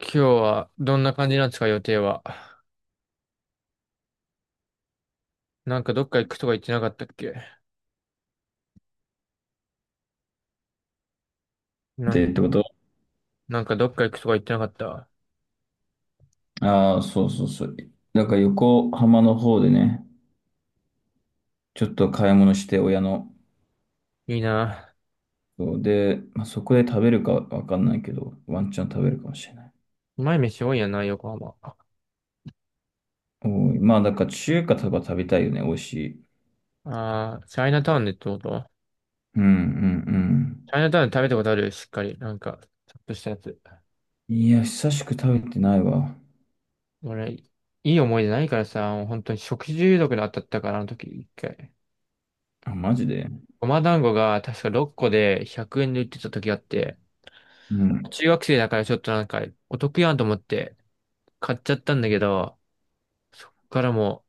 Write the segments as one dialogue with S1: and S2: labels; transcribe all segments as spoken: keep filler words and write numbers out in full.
S1: 今日はどんな感じなんですか、予定は。なんかどっか行くとか言ってなかったっけ
S2: っ
S1: な
S2: て
S1: ん、
S2: ってこと。
S1: なんかどっか行くとか言ってなかった。
S2: ああー、そうそうそう。だから横浜の方でね、ちょっと買い物して親の。
S1: いいな。
S2: そうで、まあ、そこで食べるかわかんないけど、ワンチャン食べるかもしれない。
S1: うまい飯多いやな、横浜。
S2: おい、まあだから中華とか食べたいよね、美味しい。
S1: あー、チャイナタウンでってこと。
S2: うんう
S1: チ
S2: ん
S1: ャイナタウンで食べたことあるしっかり。なんか、ちょっとしたやつ。
S2: うん。いや、久しく食べてないわ。
S1: 俺、いい思い出ないからさ、もう本当に食中毒で当たったから、あの時、一回。
S2: あ、マジで。
S1: ごま団子が確かろっこでひゃくえんで売ってた時あって、
S2: うん。
S1: 中学生だからちょっとなんかお得やんと思って買っちゃったんだけど、そっからも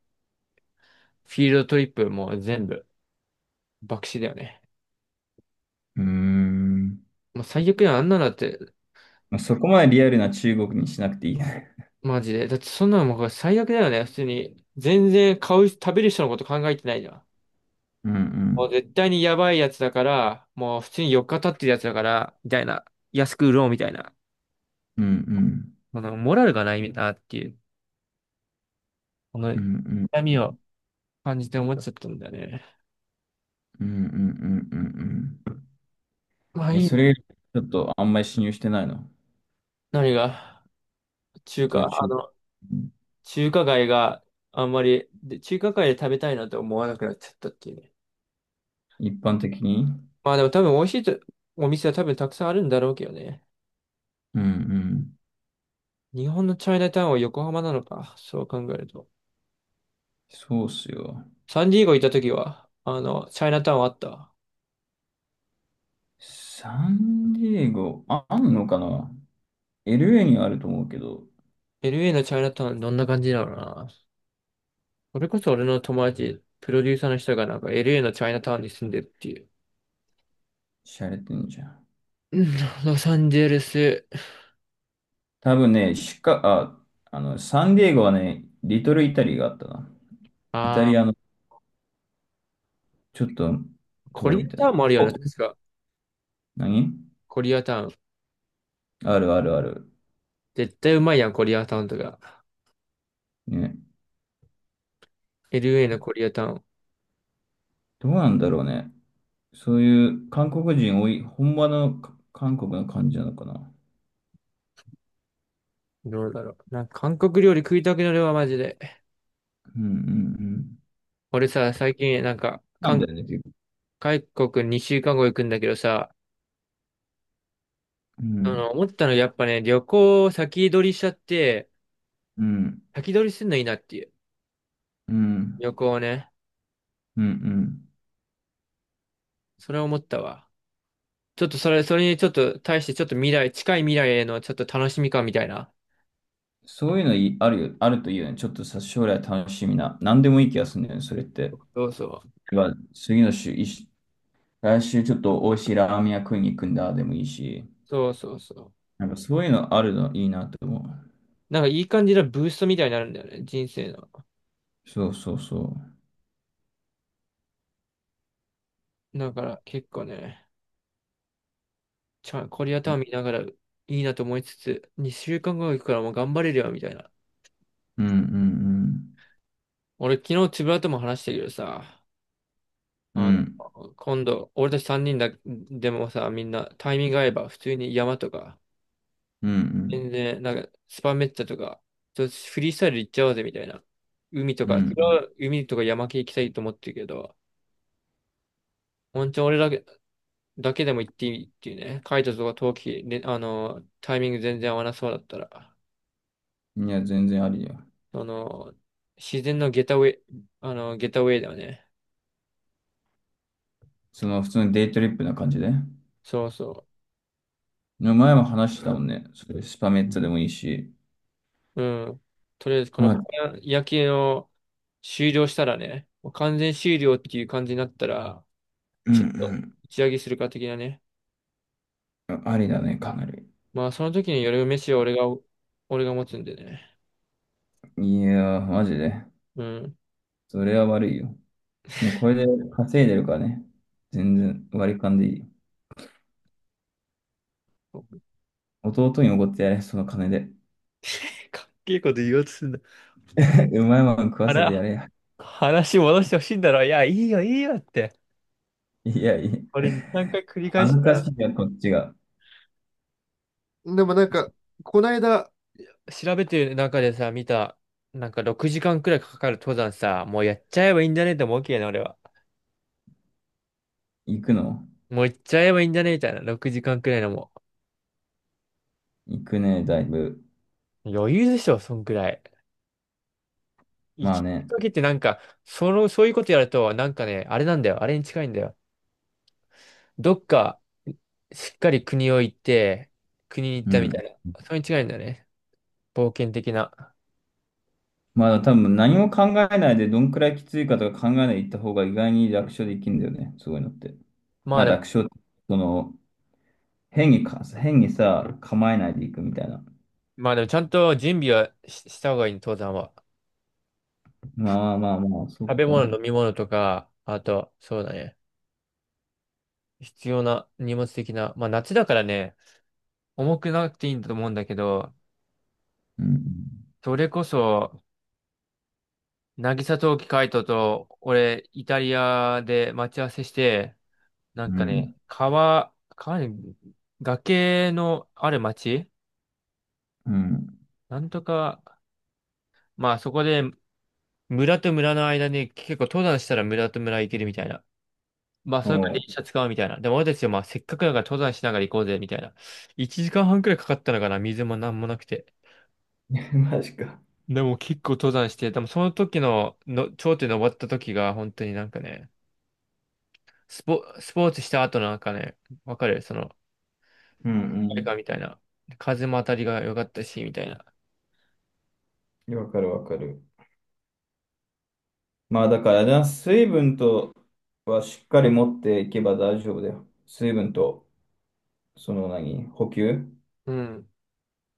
S1: フィールドトリップもう全部、爆死だよね。
S2: うーん。
S1: もう最悪だよ、あんなのだって、
S2: まあ、そこまでリアルな中国にしなくていいね。
S1: マジで。だってそんなのもう最悪だよね、普通に。全然買う、食べる人のこと考えてないじゃん。
S2: うんう
S1: もう
S2: ん。
S1: 絶対にやばいやつだから、もう普通によっか経ってるやつだから、みたいな。安く売ろうみたいな。
S2: うん
S1: このモラルがないなっていう、この
S2: うん。うんう
S1: 痛
S2: ん。
S1: みを感じて思っちゃったんだよね。
S2: うんうんうんうんうん。
S1: まあ
S2: い
S1: い
S2: や、
S1: いの。
S2: それよりちょっとあんまり信用してないの。
S1: 何が、中
S2: じゃ
S1: 華、
S2: あち
S1: あの、中華街があんまり、で、中華街で食べたいなと思わなくなっちゃったっていうね。
S2: 一般的に。
S1: まあでも多分美味しいとお店は多分たくさんあるんだろうけどね。
S2: うんうん。
S1: 日本のチャイナタウンは横浜なのか。そう考えると。
S2: そうっすよ。
S1: サンディエゴ行った時は、あの、チャイナタウンあった。
S2: サンディエゴ、あ、あんのかな ?エルエー にはあると思うけど、
S1: エルエー のチャイナタウンどんな感じだろうな。それこそ俺の友達、プロデューサーの人がなんか エルエー のチャイナタウンに住んでるっていう。
S2: しゃれてんじゃん。
S1: うん。ロサンゼルス。
S2: 多分ね、シカ、あ、あの、サンディエゴはね、リトルイタリーがあったな。イタ
S1: あ
S2: リア
S1: あ、
S2: のちょっと
S1: コ
S2: 通り
S1: リア
S2: みたい
S1: タウ
S2: な。
S1: ンもあるよね、
S2: お、
S1: 確か。
S2: 何
S1: コリアタウン。
S2: あるあるある。
S1: 絶対うまいやん、コリアタウンとか。
S2: ね。
S1: エルエー のコリアタウ
S2: どうなんだろうね。そういう韓国人多い、本場のか韓国の感じなのかな。
S1: ン。どうだろう。なんか韓国料理食いたくなるわ、マジで。
S2: うんうんうん。
S1: 俺さ、最近なんか、
S2: なん
S1: 韓
S2: だよね、結構。
S1: 韓国にしゅうかんご行くんだけどさ、
S2: う
S1: あの、
S2: ん。
S1: 思ったのやっぱね、旅行を先取りしちゃって、
S2: うん、
S1: 先取りすんのいいなっていう。
S2: うん、
S1: 旅行をね。
S2: うん、うん。
S1: それを思ったわ。ちょっとそれ、それにちょっと対してちょっと未来、近い未来へのちょっと楽しみ感みたいな。
S2: そういうのいあるよ、あるといいよね。ちょっとさ、将来楽しみな。何でもいい気がするんだよね、それって。
S1: そうそう。
S2: が次の週、いし来週ちょっと美味しいラーメン屋食いに行くんだ、でもいいし。
S1: そうそうそう。
S2: なんかそういうのあるのいいなと思う。
S1: なんかいい感じのブーストみたいになるんだよね、人生の。
S2: そうそうそ
S1: だから結構ね、ちゃん、コリアタウン見ながらいいなと思いつつ、にしゅうかんご行くからもう頑張れるよ、みたいな。
S2: う。うん、うん、
S1: 俺昨日つぶらとも話したけどさ、
S2: うん。う
S1: あ
S2: ん、
S1: の、今度、俺たち3人だ、でもさ、みんなタイミング合えば、普通に山とか、
S2: う
S1: 全
S2: ん、
S1: 然、なんか、スパメッツァとか、ちょっとフリースタイル行っちゃおうぜ、みたいな。海と
S2: う
S1: か、それ
S2: ん。
S1: は海とか山系行きたいと思ってるけど、本当に俺だけ、だけでも行っていいっていうね、カイトとか陶器、ね、あの、タイミング全然合わなそうだったら、
S2: うん、いや、全然ありだよ。
S1: その、自然のゲタウェイ、あの、ゲタウェイだよね。
S2: その普通のデイトリップな感じで。
S1: そうそう。
S2: 前も話してたもんね。それスパメッツァでもいいし。
S1: うん。とりあえず、このパ
S2: あ、
S1: ン夜景を終了したらね、もう完全終了っていう感じになったら、
S2: う
S1: ちょっと
S2: ん、
S1: 打ち上げするか的なね。
S2: うん。ありだね、かなり。
S1: まあ、その時に夜飯は俺が、俺が持つんでね。
S2: いやー、マジで。
S1: うん。
S2: それは悪いよ。もうこれで稼いでるからね。全然割り勘でいいよ。弟におごってやれ、その金で。
S1: かっけえことだ。
S2: うまいもん食わ
S1: あ
S2: せてや
S1: ら、
S2: れや。
S1: 話戻してほしいんだろ。いや、いいよ、いいよって。
S2: いやい
S1: こ
S2: や。
S1: れに、さんかい繰り返
S2: 恥
S1: し
S2: ず
S1: た
S2: か
S1: ら。
S2: しいや、こっちが。
S1: でもなんか、こないだ調べてる中でさ、見た、なんかろくじかんくらいかかる登山さ、もうやっちゃえばいいんじゃねって思うけどね、俺は。
S2: 行くの
S1: もう行っちゃえばいいんじゃねみたいな。ろくじかんくらいのも
S2: 行くね、だいぶ。
S1: う。余裕でしょ、そんくらい。行
S2: まあ
S1: き
S2: ね。
S1: かけてなんか、その、そういうことやると、なんかね、あれなんだよ。あれに近いんだよ。どっか、しっかり国を行って、国に行っ
S2: う
S1: たみたい
S2: ん。
S1: な。それに違いんだよね。冒険的な。
S2: まだ多分何も考えないで、どんくらいきついかとか考えないで行った方が意外に楽勝できるんだよね。そういうのって。
S1: ま
S2: ま
S1: あ
S2: あ
S1: でも、
S2: 楽勝、その、変にか、変にさ、構えないで行くみたいな。
S1: まあでもちゃんと準備はし、した方がいい、登山は。
S2: まあまあまあ、そ
S1: 食
S2: っ
S1: べ物、
S2: か。
S1: 飲み物とか、あと、そうだね。必要な荷物的な。まあ夏だからね、重くなくていいんだと思うんだけど、
S2: うん。
S1: それこそ、渚冬季海斗と、俺、イタリアで待ち合わせして、なん
S2: う
S1: かね、
S2: ん。
S1: 川、川に、崖のある町
S2: うん。
S1: なんとか、まあそこで、村と村の間に結構登山したら村と村行けるみたいな。まあ
S2: お
S1: それから
S2: う。
S1: 電車使うみたいな。でも俺たちはまあせっかくだから登山しながら行こうぜみたいな。いちじかんはんくらいかかったのかな、水もなんもなくて。
S2: マジか。
S1: でも結構登山して、でもその時の、の頂点登った時が本当になんかね、スポ、スポーツした後のなんかね、わかるその、
S2: うんう
S1: 誰か
S2: ん。
S1: みたいな。風も当たりが良かったし、みたいな。
S2: わかるわかる。まあだからな、水分とはしっかり持っていけば大丈夫だよ。水分と、その何、補給
S1: うん。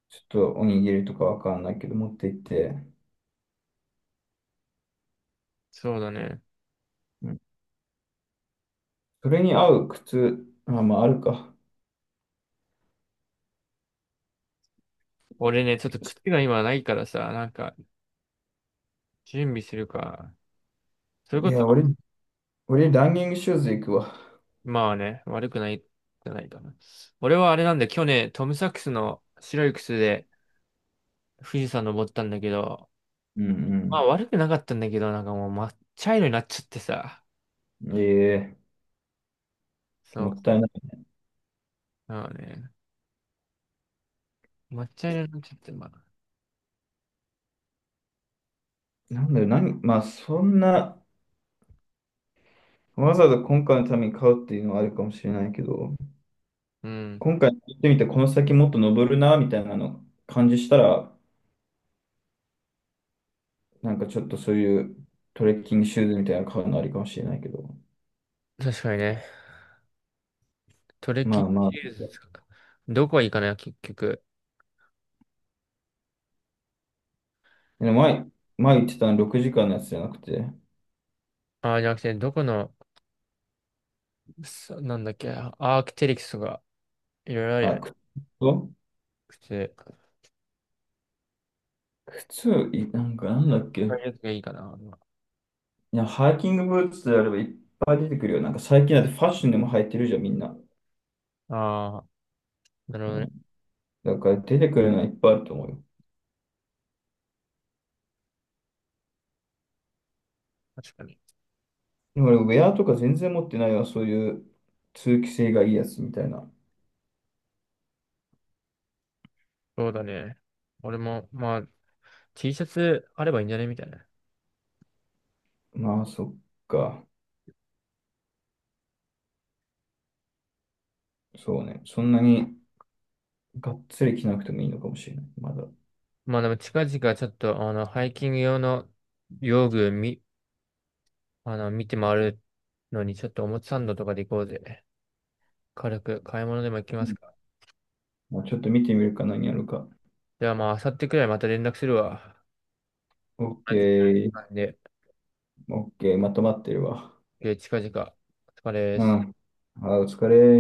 S2: ちょっとおにぎりとかわかんないけど持っていって、
S1: そうだね。
S2: うん。それに合う靴、あ、まああるか。
S1: 俺ね、ちょっと靴が今ないからさ、なんか、準備するか。それ
S2: い
S1: こ
S2: や、
S1: そ、
S2: 俺、俺ランニングシューズ行くわ。
S1: まあね、悪くないじゃないかな。俺はあれなんだよ、去年、トムサックスの白い靴で富士山登ったんだけど、
S2: う
S1: まあ
S2: ん
S1: 悪くなかったんだけど、なんかもう抹茶色になっちゃってさ。
S2: うん。ええ、
S1: そ
S2: も
S1: う。
S2: ったいない。
S1: まあね、抹茶色になっちゃって、まあ。
S2: なんだよ、何、まあそんな、わざわざ今回のために買うっていうのはあるかもしれないけど、
S1: うん。
S2: 今回行ってみて、この先もっと登るな、みたいなの感じしたら、なんかちょっとそういうトレッキングシューズみたいなの買うのありかもしれないけど。
S1: 確かにね。トレ
S2: ま
S1: キ
S2: あま
S1: シリ
S2: あ。
S1: ーズですか。どこがいいかな結局。
S2: でも前、前言ってたのろくじかんのやつじゃなくて、
S1: ああ、じゃなくて、どこの、そなんだっけ、アークテリクスとか、いろいろあるよ
S2: あ、
S1: ね。
S2: 靴と
S1: くて、
S2: 靴、いなんかなんだっ
S1: あ
S2: け。
S1: あいうやつがいいかな。
S2: いや、ハイキングブーツであればいっぱい出てくるよ。なんか最近だってファッションでも履いてるじゃん、みんな。
S1: ああ、なるほ
S2: う
S1: ど
S2: ん。
S1: ね。
S2: だから出てくるのはいっぱいあると思うよ。
S1: 確かに。
S2: でも俺、ウェアとか全然持ってないわ、そういう通気性がいいやつみたいな。
S1: そうだね。俺も、まあ、T シャツあればいいんじゃねみたいな。
S2: まあ、そっか。そうね。そんなにがっつり着なくてもいいのかもしれない。まだ。
S1: まあでも近々ちょっと、あの、ハイキング用の用具み、あの、見て回るのに、ちょっとおもちサンドとかで行こうぜ。軽く買い物でも行き
S2: う
S1: ます
S2: ん。
S1: か。
S2: まあ、ちょっと見てみるか何やるか。
S1: ではまあ、明後日くらいまた連絡するわ。
S2: オ
S1: 同
S2: ッ
S1: じくらいの
S2: ケー。
S1: 時間で、
S2: オッケー。まとまってるわ。
S1: えー近々、お疲れで
S2: う
S1: す。
S2: ん。あー、お疲れ。